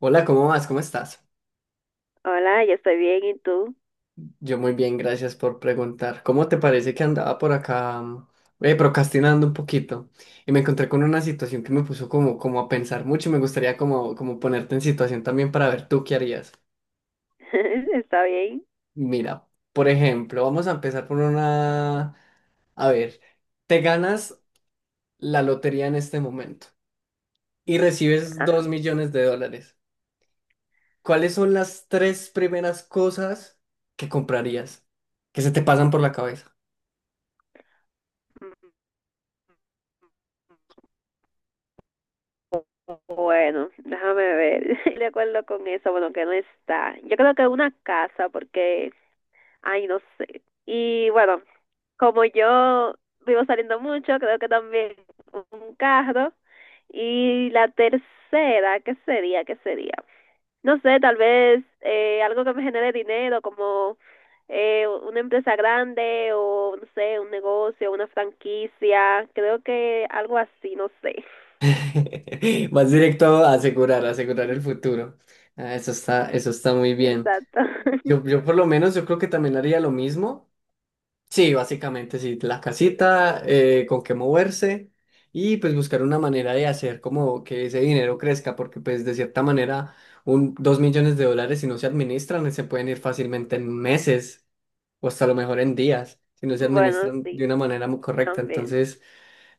Hola, ¿cómo vas? ¿Cómo estás? Hola, yo estoy bien, ¿y tú? Yo muy bien, gracias por preguntar. ¿Cómo te parece que andaba por acá procrastinando un poquito? Y me encontré con una situación que me puso como a pensar mucho y me gustaría como ponerte en situación también para ver tú qué harías. ¿Está bien? Mira, por ejemplo, vamos a empezar por una. A ver, te ganas la lotería en este momento y recibes 2 millones de dólares. ¿Cuáles son las tres primeras cosas que comprarías? Que se te pasan por la cabeza? Bueno, déjame ver. De acuerdo con eso, bueno, que no está. Yo creo que una casa, porque, ay, no sé. Y bueno, como yo vivo saliendo mucho, creo que también un carro. Y la tercera, ¿qué sería? ¿Qué sería? No sé, tal vez algo que me genere dinero, como una empresa grande o, no sé, un negocio, una franquicia, creo que algo así, no sé. Más directo a asegurar el futuro. Ah, eso está muy bien. Exacto. Yo por lo menos, yo creo que también haría lo mismo. Sí, básicamente, sí, la casita, con qué moverse y pues buscar una manera de hacer como que ese dinero crezca, porque pues de cierta manera, dos millones de dólares si no se administran, se pueden ir fácilmente en meses o hasta a lo mejor en días, si no se Bueno, administran sí, de una manera muy correcta. también. Entonces.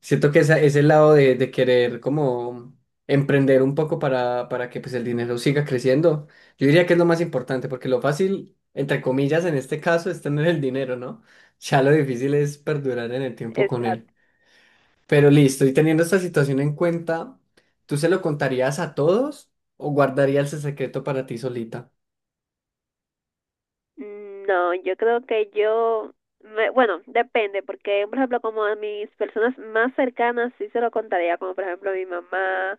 Siento que ese lado de querer como emprender un poco para que pues el dinero siga creciendo, yo diría que es lo más importante, porque lo fácil, entre comillas, en este caso es tener el dinero, ¿no? Ya lo difícil es perdurar en el tiempo con él. Exacto. Pero listo, y teniendo esta situación en cuenta, ¿tú se lo contarías a todos o guardarías el secreto para ti solita? No, yo creo que yo, bueno, depende, porque, por ejemplo, como a mis personas más cercanas sí se lo contaría, como por ejemplo a mi mamá,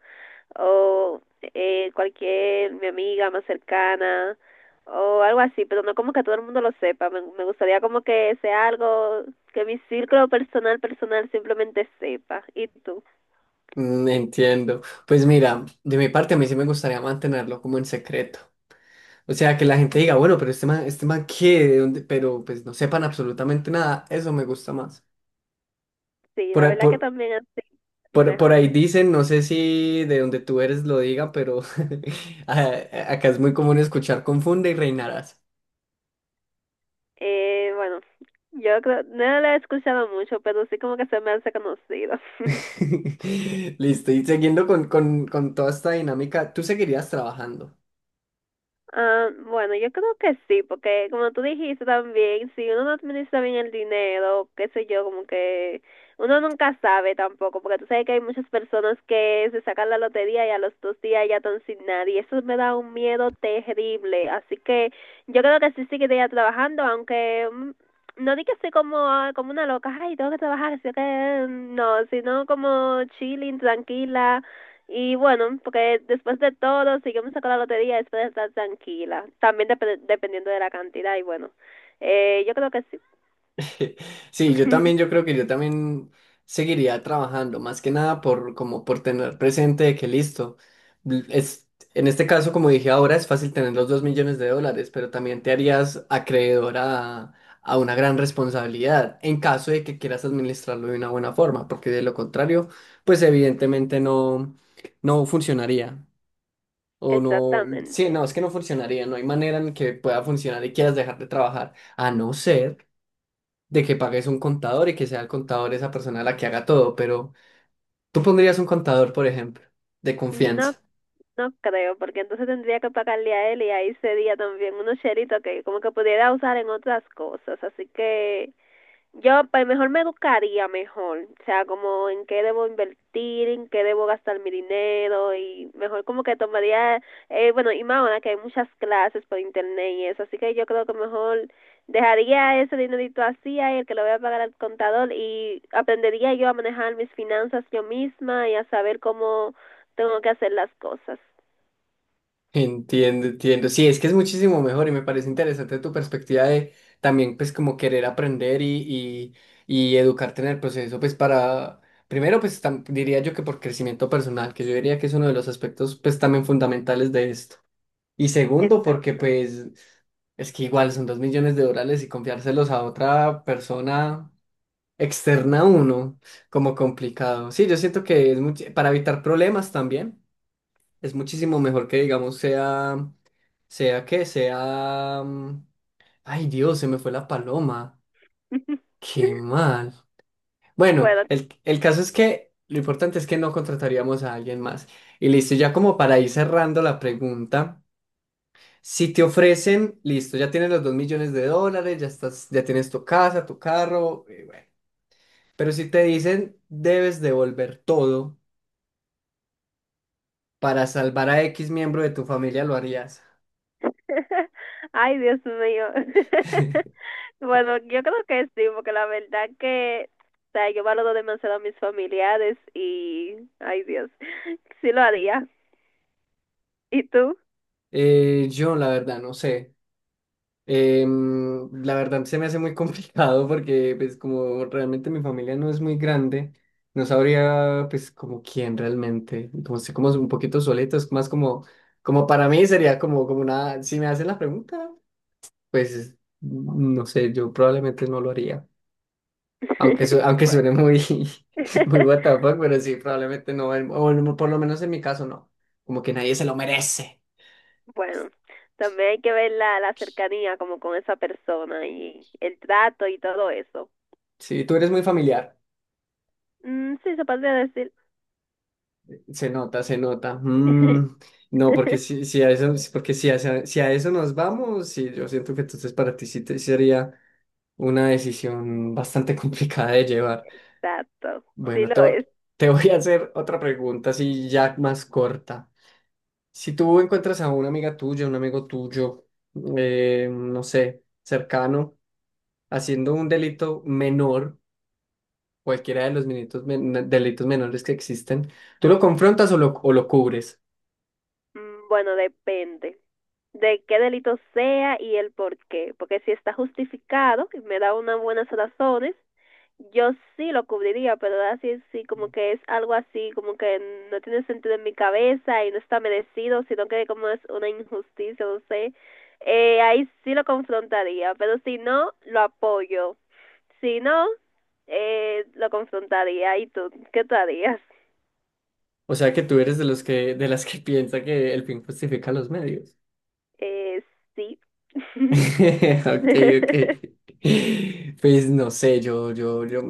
o cualquier mi amiga más cercana o algo así, pero no como que todo el mundo lo sepa. Me gustaría como que sea algo que mi círculo personal personal simplemente sepa. ¿Y tú? Entiendo. Pues mira, de mi parte a mí sí me gustaría mantenerlo como en secreto. O sea, que la gente diga, bueno, pero este man qué, de dónde, pero pues no sepan absolutamente nada, eso me gusta más. Sí, Por, la ahí- verdad que por, también así por mejor. ahí dicen, no sé si de donde tú eres lo diga, pero acá es muy común escuchar confunde y reinarás. Bueno, yo creo, no lo he escuchado mucho, pero sí como que se me hace conocido. Listo, y siguiendo con toda esta dinámica, ¿tú seguirías trabajando? Ah, bueno, yo creo que sí, porque como tú dijiste también, si uno no administra bien el dinero, qué sé yo, como que uno nunca sabe tampoco, porque tú sabes que hay muchas personas que se sacan la lotería y a los dos días ya están sin nadie, y eso me da un miedo terrible, así que yo creo que sí seguiría trabajando, aunque no di que soy como, ah, como una loca, ay, tengo que trabajar, así que no, sino como chilling, tranquila y bueno, porque después de todo, si yo me saco la lotería, después de estar tranquila. También dependiendo de la cantidad. Y bueno, yo creo que sí. Sí, yo también, yo creo que yo también seguiría trabajando, más que nada por como por tener presente de que listo, es, en este caso, como dije ahora, es fácil tener los 2 millones de dólares, pero también te harías acreedor a una gran responsabilidad en caso de que quieras administrarlo de una buena forma, porque de lo contrario, pues evidentemente no, no funcionaría. O no, sí, Exactamente. no, es que no funcionaría, no hay manera en que pueda funcionar y quieras dejar de trabajar, a no ser de que pagues un contador y que sea el contador esa persona la que haga todo, pero tú pondrías un contador, por ejemplo, de No, confianza. no creo, porque entonces tendría que pagarle a él y ahí sería también unos cheritos que como que pudiera usar en otras cosas. Así que yo pues mejor me educaría mejor, o sea, como en qué debo invertir, en qué debo gastar mi dinero y mejor como que tomaría, bueno, y más ahora que hay muchas clases por internet y eso, así que yo creo que mejor dejaría ese dinerito así, ahí, el que lo voy a pagar al contador y aprendería yo a manejar mis finanzas yo misma y a saber cómo tengo que hacer las cosas. Entiendo, entiendo. Sí, es que es muchísimo mejor y me parece interesante tu perspectiva de también, pues, como querer aprender y educarte en el proceso, pues, para, primero, pues, diría yo que por crecimiento personal, que yo diría que es uno de los aspectos, pues, también fundamentales de esto. Y segundo, porque, Exacto. pues, es que igual son 2 millones de dólares y confiárselos a otra persona. Externa uno, como complicado. Sí, yo siento que es para evitar problemas también, es muchísimo mejor que digamos sea, que sea... Ay Dios, se me fue la paloma. Qué mal. Bueno, Bueno. El caso es que lo importante es que no contrataríamos a alguien más. Y listo, ya como para ir cerrando la pregunta, si te ofrecen, listo, ya tienes los 2 millones de dólares, ya estás, ya tienes tu casa, tu carro, pero si te dicen debes devolver todo. ¿Para salvar a X miembro de tu familia lo harías? Ay, Dios mío. Bueno, yo creo que sí, porque la verdad que, o sea, yo valoro demasiado a mis familiares y, ay, Dios, sí lo haría. ¿Y tú? Yo la verdad no sé. La verdad se me hace muy complicado porque pues como realmente mi familia no es muy grande, no sabría pues como quién realmente, como sé como un poquito solito, es más como, como para mí sería como, como una, si me hacen la pregunta, pues no sé, yo probablemente no lo haría. Aunque, aunque suene Bueno, muy, muy what the fuck, pero sí, probablemente no, en- o no- por lo menos en mi caso no, como que nadie se lo merece. bueno, también hay que ver la, la cercanía como con esa persona y el trato y todo eso. Sí, tú eres muy familiar, Mm, sí, se podría decir. se nota, se nota. No, porque si a eso nos vamos, sí, yo siento que entonces para ti sí sería una decisión bastante complicada de llevar. Exacto, sí Bueno, lo es. te voy a hacer otra pregunta, así ya más corta. Si tú encuentras a una amiga tuya, un amigo tuyo, no sé, cercano, haciendo un delito menor, cualquiera de los delitos menores que existen, ¿tú lo confrontas o lo cubres? Mm, bueno, depende de qué delito sea y el por qué, porque si está justificado, y me da unas buenas razones, yo sí lo cubriría, pero así sí sí, como que es algo así, como que no tiene sentido en mi cabeza y no está merecido, sino que como es una injusticia, no sé. Ahí sí lo confrontaría, pero si no, lo apoyo. Si no, lo confrontaría. ¿Y tú? ¿Qué tú harías? O sea que tú eres de los que, de las que piensa que el fin justifica los medios. Eh, sí. Ok, ok. Pues no sé, yo, yo, yo.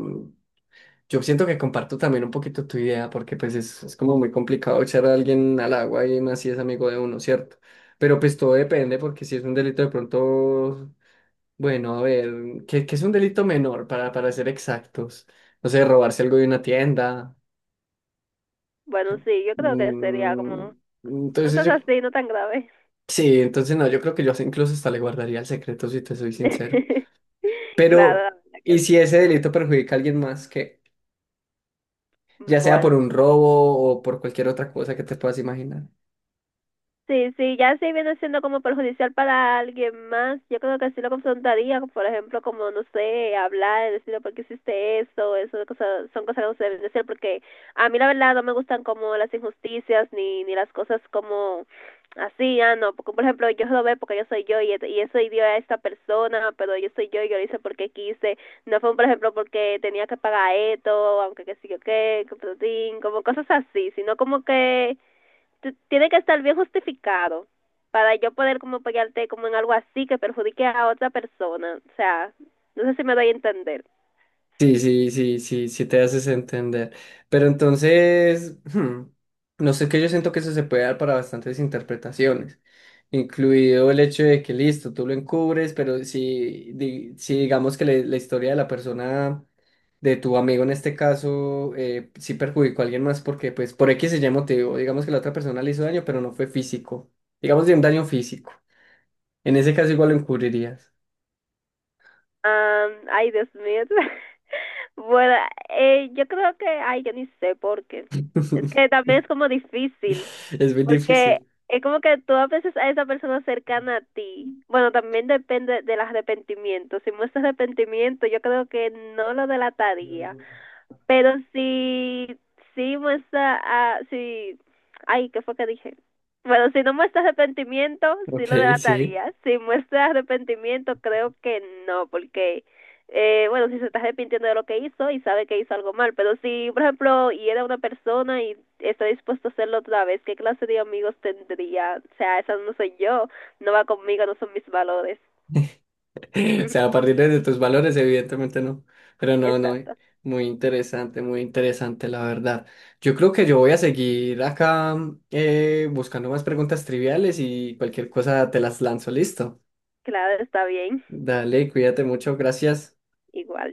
Yo siento que comparto también un poquito tu idea, porque pues es como muy complicado echar a alguien al agua y más si es amigo de uno, ¿cierto? Pero pues todo depende, porque si es un delito de pronto, bueno, a ver, ¿qué, qué es un delito menor para ser exactos? No sé, robarse algo de una tienda. Bueno, sí, yo creo que sería como mm, entonces cosas yo, así, no tan graves. sí, entonces no, yo creo que yo incluso hasta le guardaría el secreto, si te soy sincero. Claro, la Pero, verdad que ¿y si sí. ese delito perjudica a alguien más? Que ya sea por Bueno. un robo o por cualquier otra cosa que te puedas imaginar. Sí, sí, ya si viene siendo como perjudicial para alguien más, yo creo que sí lo confrontaría, por ejemplo, como, no sé, hablar, decirle por qué hiciste eso, eso de cosas, son cosas que no se deben decir, porque a mí la verdad no me gustan como las injusticias ni las cosas como así, ah, no, porque por ejemplo yo robé porque yo soy yo y eso dio a esta persona, pero yo soy yo y yo lo hice porque quise, no fue por ejemplo porque tenía que pagar esto, aunque que sí o qué, que, pero sí, como cosas así, sino como que tiene que estar bien justificado para yo poder como apoyarte como en algo así que perjudique a otra persona. O sea, no sé si me doy a entender. Sí, sí, sí, sí, sí te haces entender. Pero entonces, no sé, que yo siento que eso se puede dar para bastantes interpretaciones, incluido el hecho de que listo, tú lo encubres, pero si, si digamos que la historia de la persona, de tu amigo en este caso, sí perjudicó a alguien más porque pues por X se Y motivo, digamos que la otra persona le hizo daño, pero no fue físico, digamos de un daño físico. En ese caso igual lo encubrirías. Ay, Dios mío. Bueno, yo creo que, ay, yo ni sé por qué. Es que también es como difícil, Es muy porque difícil. es como que tú a veces a esa persona cercana a ti. Bueno, también depende del arrepentimiento. Si muestra arrepentimiento, yo creo que no lo delataría. Pero si, si muestra, ah, si, ay, ¿qué fue que dije? Bueno, si no muestra arrepentimiento, sí Ok, lo sí. delataría. Si muestra arrepentimiento, creo que no, porque, bueno, si se está arrepintiendo de lo que hizo y sabe que hizo algo mal, pero si, por ejemplo, y era una persona y está dispuesto a hacerlo otra vez, ¿qué clase de amigos tendría? O sea, esa no soy yo, no va conmigo, no son mis valores. O sea, a partir de tus valores, evidentemente no. Pero no, no. Exacto, muy interesante, la verdad. Yo creo que yo voy a seguir acá buscando más preguntas triviales y cualquier cosa te las lanzo. Listo. claro, está bien, Dale, cuídate mucho. Gracias. igual.